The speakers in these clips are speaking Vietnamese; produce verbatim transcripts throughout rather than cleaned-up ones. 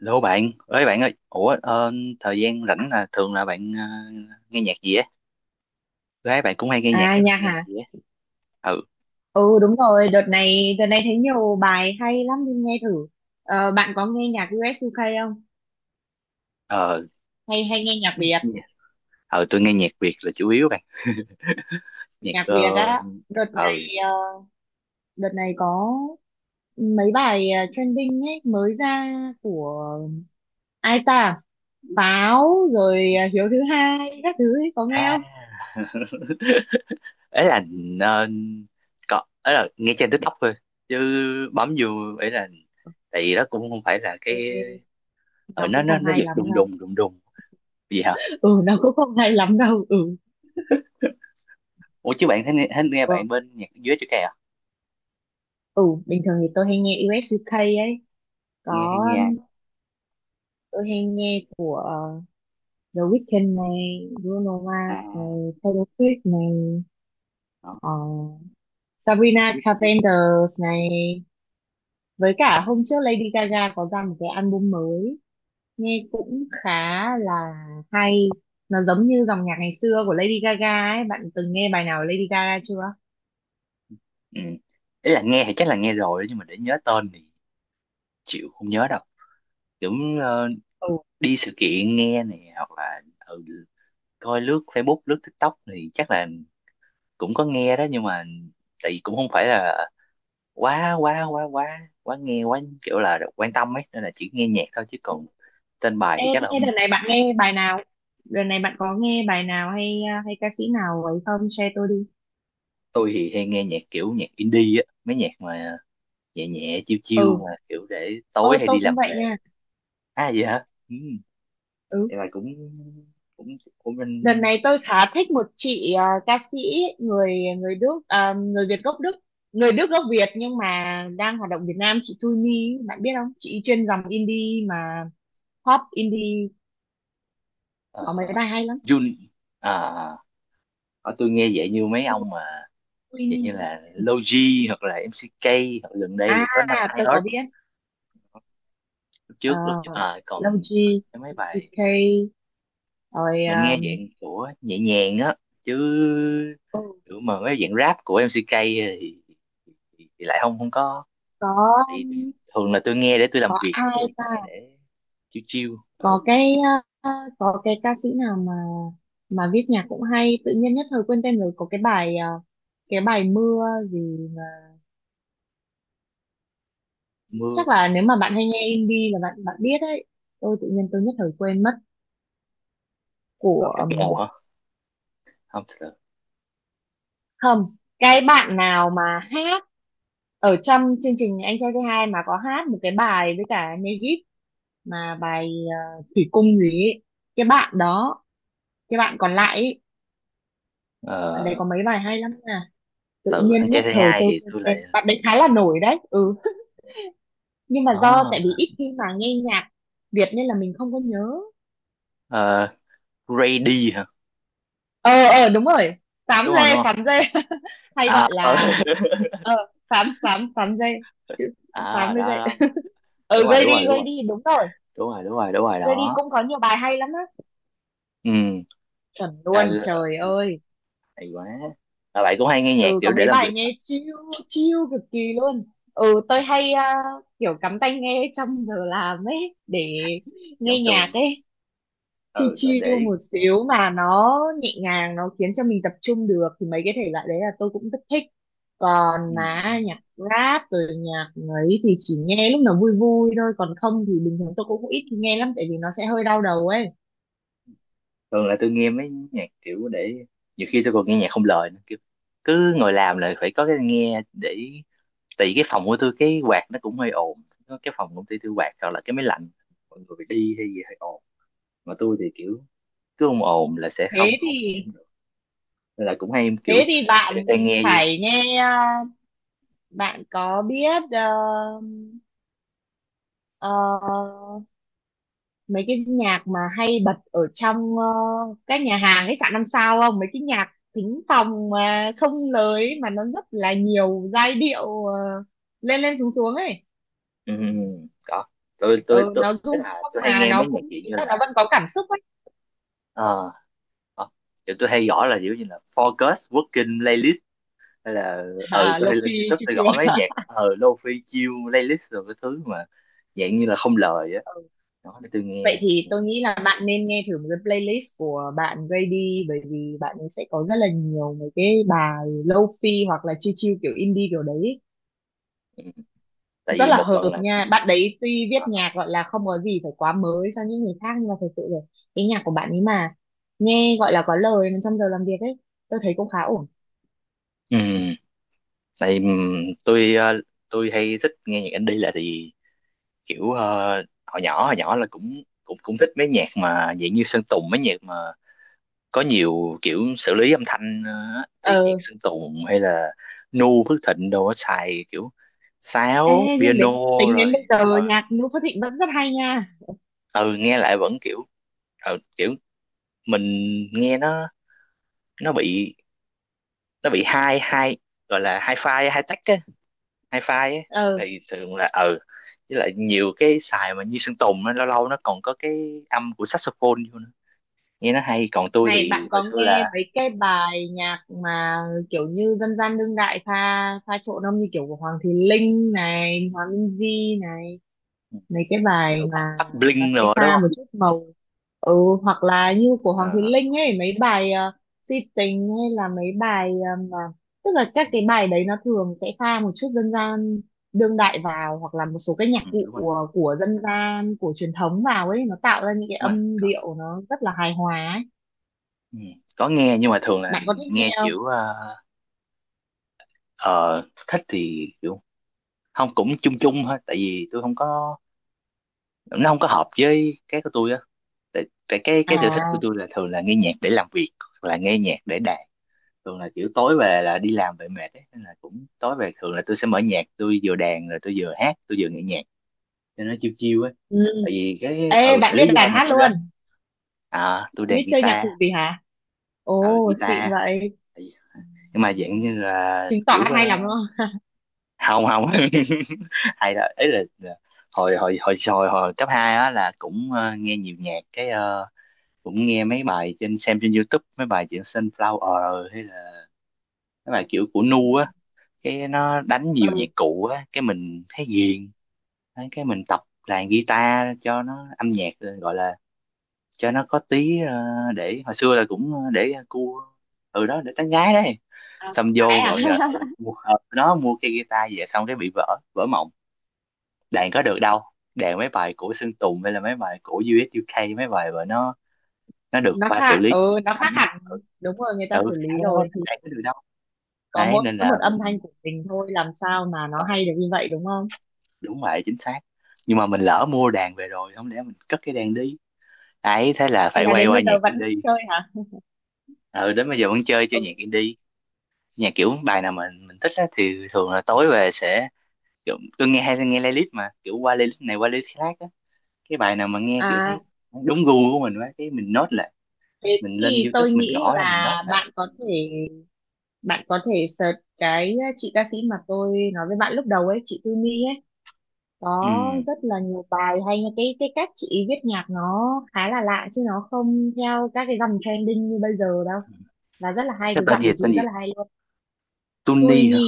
Hello bạn, ơi bạn ơi, ủa ờ, thời gian rảnh là thường là bạn ờ, nghe nhạc gì á? Gái bạn cũng hay nghe nhạc, À các bạn nhạc nghe nhạc hả? gì á? Ừ, Ừ đúng rồi, đợt này đợt này thấy nhiều bài hay lắm nên nghe thử. Ờ, bạn có nghe nhạc u ét iu kây không? ờ, Hay hay nghe nhạc Việt? ờ, tôi nghe nhạc Việt là chủ yếu bạn, nhạc Nhạc ờ, Việt á, đợt ờ, này ờ, đợt này có mấy bài ờ, trending ấy mới ra của ai ta? Pháo rồi ờ, Hiếu thứ hai các thứ ấy, có nghe à, không? ấy là ờ, có, ấy là nghe trên TikTok thôi, chứ bấm vô ấy là, tại vì đó cũng không phải là Ê, cái, ờ, nó nó cũng nó không nó hay giật lắm đùng đâu. đùng đùng đùng gì hả? Ừ nó cũng không hay lắm đâu. Ừ. Ủa chứ bạn thấy, nghe, thấy Ừ, nghe bạn bên nhạc dưới chữ kè à? ừ bình thường thì tôi hay nghe u ét u ca ấy. Nghe hay Có nghe ai? tôi hay nghe của ờ, The Weeknd này, Bruno Mars À? này, Taylor Swift này, Đó. ờ, Sabrina Carpenter này, với Ừ. cả hôm trước Lady Gaga có ra một cái album mới nghe cũng khá là hay. Nó giống như dòng nhạc ngày xưa của Lady Gaga ấy, bạn từng nghe bài nào của Lady Gaga chưa? Ừ. Ý là nghe thì chắc là nghe rồi đó, nhưng mà để nhớ tên thì chịu không nhớ đâu kiểu ờ, Ừ. đi sự kiện nghe này hoặc là ừ, coi lướt Facebook lướt TikTok thì chắc là cũng có nghe đó nhưng mà tại vì cũng không phải là quá quá quá quá quá nghe quá kiểu là quan tâm ấy nên là chỉ nghe nhạc thôi chứ còn tên bài Ê, thì chắc là thế không nhớ. đợt này bạn nghe bài nào? Đợt này bạn có nghe bài nào hay hay ca sĩ nào ấy không? Share tôi đi. Tôi thì hay nghe nhạc kiểu nhạc indie á mấy nhạc mà nhẹ nhẹ chiêu chiêu Ừ, mà kiểu để tối ôi hay đi tôi cũng làm vậy về. nha. À vậy hả ừ. Ừ, Thế là cũng cũng của đợt mình này tôi khá thích một chị à, ca sĩ người người Đức à, người Việt gốc Đức, người Đức gốc Việt nhưng mà đang hoạt động Việt Nam. Chị Thu Nhi, bạn biết không? Chị chuyên dòng indie mà pop indie, ờ, có mấy bài hay lắm. Jun à ở tôi nghe vậy như mấy ông mà Thu vậy Nhi, như là Logi hoặc là em xê ca hoặc gần đây là có năm à hai tôi hết có biết. lúc Ờ, trước lúc à, còn Logi, cái mấy bài xê ca rồi mình nghe à, dạng của nhẹ nhàng á chứ có kiểu mà mấy dạng rap của em xê ca thì, thì, thì lại không không có thì thường là tôi nghe để tôi làm có việc với ai lại ta? nghe để chiêu chiêu ờ, Có cái ờ, ờ, có cái ca sĩ nào mà mà viết nhạc cũng hay, tự nhiên nhất thời quên tên rồi, có cái bài ờ, cái bài mưa gì mà. mưa Chắc là nếu mà bạn hay nghe indie là bạn bạn biết đấy, tôi tự nhiên tôi nhất thời quên mất à, của phát màu ừm, hả không thật không, cái bạn nào mà hát ở trong chương trình Anh Trai Say Hi mà có hát một cái bài với cả Negip, mà bài ờ, Thủy Cung gì ấy. Cái bạn đó, cái bạn còn lại ấy, bạn đấy ờ có mấy bài hay lắm nè, tự từ anh nhiên trai nhất say thời hi tôi thì quên tôi lại tên, bạn đấy khá là nổi đấy. Ừ, nhưng mà do tại vì có ít khi mà nghe nhạc Việt nên là mình không có nhớ. ờ, Grady hả Ờ, ờ đúng rồi, sám đúng không đúng dê không sám dê. Hay à gọi ờ. là ờ, sám sám sám dê, chữ À đó, sám với dê. đó đó. Đúng Ừ, rồi gây đúng rồi đi đúng gây rồi đi đúng rồi. đúng rồi đúng rồi đúng rồi Gây đi đó cũng có nhiều bài hay lắm á, ừ chuẩn à, luôn, l- trời ơi. hay quá. À, bạn cũng hay nghe nhạc Ừ, có kiểu để mấy làm bài việc hả nghe chill chill cực kỳ luôn. Ừ, tôi hay à, kiểu cắm tai nghe trong giờ làm ấy để giống nghe nhạc tôi ấy, chill ừ để, chill để một xíu mà nó nhẹ nhàng, nó khiến cho mình tập trung được thì mấy cái thể loại đấy là tôi cũng rất thích. ừ, Còn đúng mà rồi. nhạc rap rồi nhạc ấy thì chỉ nghe lúc nào vui vui thôi, còn không thì bình thường tôi cũng ít khi nghe lắm tại vì nó sẽ hơi đau đầu ấy. Thường là tôi nghe mấy nhạc kiểu để nhiều khi tôi còn nghe nhạc không lời nữa kiểu cứ ngồi làm là phải có cái nghe để tại vì cái phòng của tôi cái quạt nó cũng hơi ồn có cái phòng công ty tôi quạt hoặc là cái máy lạnh mọi người phải đi hay gì hơi ồn mà tôi thì kiểu cứ ồn ồn là sẽ không thế không thì tập trung được nên là cũng hay thế kiểu thì phải cho bạn tai nghe vô phải nghe à, bạn có biết ờ, ờ, mấy cái nhạc mà hay bật ở trong ờ, các nhà hàng khách sạn năm sao không, mấy cái nhạc thính phòng mà không lời ấy, mà nó rất là nhiều giai điệu ờ, lên lên xuống xuống ấy, ừ, ừ, ừ. đó tôi tôi ừ, tôi nó du tức dương là không tôi hay mà nghe mấy nó nhạc cũng gì ý như là là nó vẫn có cảm xúc ấy. ờ ờ, kiểu tôi hay gõ là kiểu như là focus working playlist hay là ừ À, tôi hay lộc lên phi YouTube chiêu tôi chiêu. gõ mấy nhạc ờ lofi chill playlist rồi cái thứ mà dạng như là không lời á đó để tôi Vậy nghe thì ừ, tôi nghĩ là bạn nên nghe thử một cái playlist của bạn Grady, bởi vì bạn ấy sẽ có rất là nhiều mấy cái bài fi hoặc là chill chill kiểu indie kiểu đấy, ừ. Tại rất vì là một phần hợp là nha. Bạn đấy tuy viết ờ, nhạc gọi là không có gì phải quá mới cho những người khác, nhưng mà thật sự rồi, cái nhạc của bạn ấy mà nghe gọi là có lời mà trong giờ làm việc ấy, tôi thấy cũng khá ổn. ừ, tại ừm, tôi ờ, tôi hay thích nghe nhạc indie là tại vì kiểu ờ, hồi nhỏ hồi nhỏ là cũng cũng cũng thích mấy nhạc mà dạng như Sơn Tùng mấy nhạc mà có nhiều kiểu xử lý âm thanh ờ, á. Thì nhạc Ờ. Sơn Tùng hay là Nu Phước Thịnh đồ á, xài kiểu Ê, sáo nhưng piano đến, tính đến bây rồi giờ ờ, nhạc Noo Phước Thịnh vẫn rất hay nha. ừ nghe lại vẫn kiểu ờ, kiểu mình nghe nó nó bị nó bị hai hai gọi là hai file hai tách á hai file Ờ, á thì thường là ừ với lại nhiều cái xài mà như Sơn Tùng á lâu lâu nó còn có cái âm của saxophone vô nữa nghe nó hay còn tôi này thì bạn hồi có xưa nghe là mấy cái bài nhạc mà kiểu như dân gian đương đại pha pha trộn không, như kiểu của Hoàng Thùy Linh này, Hòa Minzy này, mấy cái bài ừ, mà bắt bắt nó bling sẽ rồi đó đúng pha một không. chút màu. Ừ, hoặc là như của Hoàng Thùy Ờ, Linh ấy, mấy bài ờ, si tình, hay là mấy bài ờ, mà tức là các ừ, cái bài đấy nó thường sẽ pha một chút dân gian đương đại vào, hoặc là một số cái nhạc ừ, cụ đúng rồi của, của dân gian, của truyền thống vào ấy, nó tạo ra những cái đúng rồi âm có, điệu nó rất là hài hòa ấy. ừ, có nghe nhưng mà thường là Bạn có thích nghe nghe không? kiểu ờ, ờ, thích thì kiểu không cũng chung chung thôi tại vì tôi không có nó không có hợp với cái của tôi á tại, tại cái cái sở thích của À, tôi là thường là nghe nhạc để làm việc hoặc là nghe nhạc để đàn thường là kiểu tối về là đi làm về mệt ấy nên là cũng tối về thường là tôi sẽ mở nhạc tôi vừa đàn rồi tôi vừa hát tôi vừa nghe nhạc cho nó chiêu chiêu ấy ừ. tại vì cái Ê, ừ bạn tại biết lý do đàn mà hát tôi luôn, đến à, tôi bạn đàn biết chơi nhạc guitar cụ gì hả? ừ Ồ, guitar. xịn vậy, Tại vì- nhưng mà dạng như là chứng tỏ kiểu hát ờ, hay lắm đúng không? không không hay là ấy là là hồi hồi hồi hồi hồi cấp hai á là cũng ờ, nghe nhiều nhạc cái ờ, cũng nghe mấy bài trên xem trên YouTube mấy bài chuyện Sunflower hay là mấy bài kiểu của Nu á cái nó đánh nhiều nhạc Ừ. cụ á cái mình thấy ghiền. Đấy, cái mình tập đàn guitar cho nó âm nhạc gọi là cho nó có tí ờ, để hồi xưa là cũng ờ, để cua ừ đó để tán gái đấy À, xong cô gái vô à. rồi ờ, ừ, mua, ờ, nó mua cái guitar về xong cái bị vỡ vỡ mộng đàn có được đâu đàn mấy bài của Sơn Tùng hay là mấy bài của u ét u UK mấy bài mà nó nó được Nó qua xử khác, lý ừ nó anh khác á. ừ, hẳn, đúng rồi, người ta ừ xử lý khéo đó, rồi thì đàn có được đâu có đấy mỗi nên là một âm thanh mình của mình thôi, làm sao mà Ờ, nó hay được như vậy đúng không? đúng vậy chính xác nhưng mà mình lỡ mua đàn về rồi không lẽ mình cất cái đàn đi ấy thế là Thì phải là quay đến qua bây nhạc giờ vẫn indie chơi hả? ờ đến bây giờ vẫn chơi chơi Ừ. nhạc indie nhà kiểu bài nào mà mình thích á, thì thường là tối về sẽ kiểu tôi nghe hay nghe playlist mà kiểu qua playlist này qua playlist khác á cái bài nào mà nghe kiểu thấy À, đúng gu của mình quá cái mình note lại thế mình lên thì tôi YouTube mình nghĩ gõ ra mình note là lại bạn có thể bạn có thể search cái ờ, chị ca sĩ mà tôi nói với bạn lúc đầu ấy, chị Tư mi ấy, ừ. có rất là nhiều bài hay nha. cái cái cách chị viết nhạc nó khá là lạ chứ nó không theo các cái dòng trending như bây giờ đâu, và rất là hay, Cái cái tên giọng gì của chị tên rất gì là hay. Tui Tuni hả mi,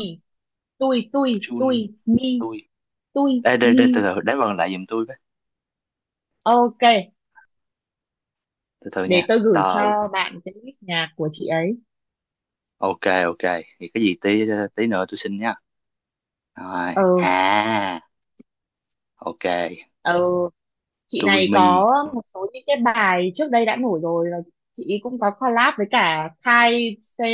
tui tui, tui Chun mi, tôi tui đây đây mi, đây từ từ đánh vần lại giùm tôi với ok từ từ nha để tôi gửi tờ cho bạn cái list nhạc của chị ấy. ok ok thì cái gì tí tí nữa tôi xin nha rồi Ờ, à ok ờ, chị tôi này mi. có một số những cái bài trước đây đã nổi rồi, và chị ấy cũng có collab với cả Thai Se-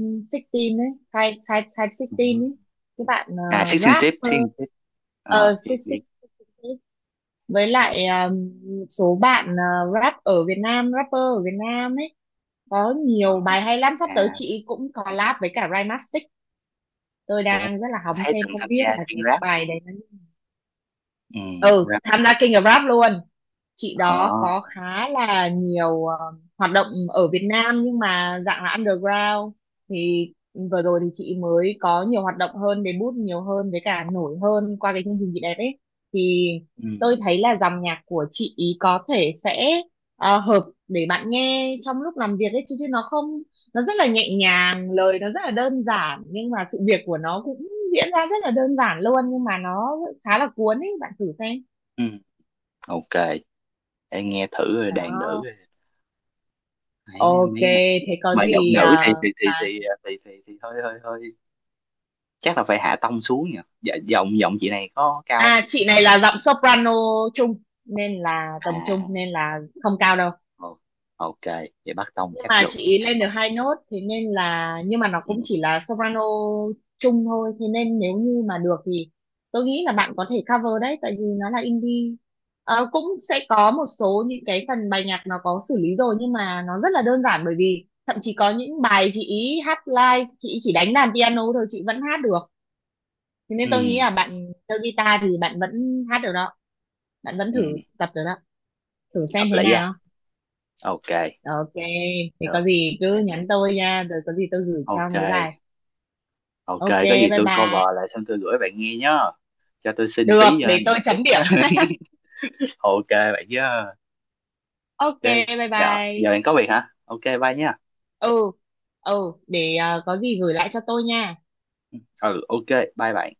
mười sáu ấy, Thai Thai Thai mười sáu Ừ. ấy, cái bạn ờ, À xích xin tiếp rapper, xích tiếp. Ờ, uh biết mười sáu, biết. với lại à, số bạn à, rap ở Việt Nam, rapper ở Việt Nam ấy, có Ờ, nhiều bài hay lắm, sắp tới à, chị cũng collab với cả Rhymastic. Tôi ủa, đang rất là hóng thấy xem từng không tham biết gia là chuyên cái rap, bài đấy nó, ừ, ừ rap, tham gia King of Rap luôn. Chị đó có ờ, khá là nhiều ờ, hoạt động ở Việt Nam nhưng mà dạng là underground, thì vừa rồi thì chị mới có nhiều hoạt động hơn, debut nhiều hơn với cả nổi hơn qua cái chương trình chị đẹp ấy, thì ừ, tôi thấy là dòng nhạc của chị ý có thể sẽ ờ, hợp để bạn nghe trong lúc làm việc ấy, chứ, chứ nó không, nó rất là nhẹ nhàng, lời nó rất là đơn giản nhưng mà sự việc của nó cũng diễn ra rất là đơn giản luôn, nhưng mà nó khá là cuốn ấy, bạn thử xem. ừ, ok, để nghe thử rồi đàn nữ Đó. rồi, thấy Ok, mấy cái này, thế có mà giọng gì nữ à, thì thì thì mà thì thì thì, thì hơi hơi hơi, chắc là phải hạ tông xuống nhỉ, dạ, giọng giọng chị này có cao không? à, chị này là giọng soprano trung, nên là tầm À, trung nên là không cao đâu. ồ, ok, vậy bắt tông Nhưng chắc mà được, chị ý hạ lên được tông, hai nốt, thế nên là nhưng mà nó ừ, cũng chỉ là soprano trung thôi, thế nên nếu như mà được thì tôi nghĩ là bạn có thể cover đấy tại vì nó là indie. Ờ, cũng sẽ có một số những cái phần bài nhạc nó có xử lý rồi nhưng mà nó rất là đơn giản, bởi vì thậm chí có những bài chị ý hát live, chị ý chỉ đánh đàn piano thôi, chị vẫn hát được. Thế nên ừ, tôi nghĩ là bạn chơi guitar thì bạn vẫn hát được đó, bạn vẫn ừ, thử tập được đó, thử xem hợp thế lý á, nào. ok, Ok, thì có được, gì ok, cứ được. nhắn tôi nha, rồi có gì tôi gửi cho Ok, mấy bài. ok, Ok, có gì bye tôi cover bye. lại xong tôi gửi bạn nghe nhá. Cho tôi xin Được, tí uh, để nhận tôi xét chấm á. điểm. Ok bạn nhá. Ok, Ok, bye dạ, bye. giờ bạn có việc hả? Ok, bye nhá. Ừ, ừ để ờ, có gì gửi lại cho tôi nha Ừ, ok, bye bạn.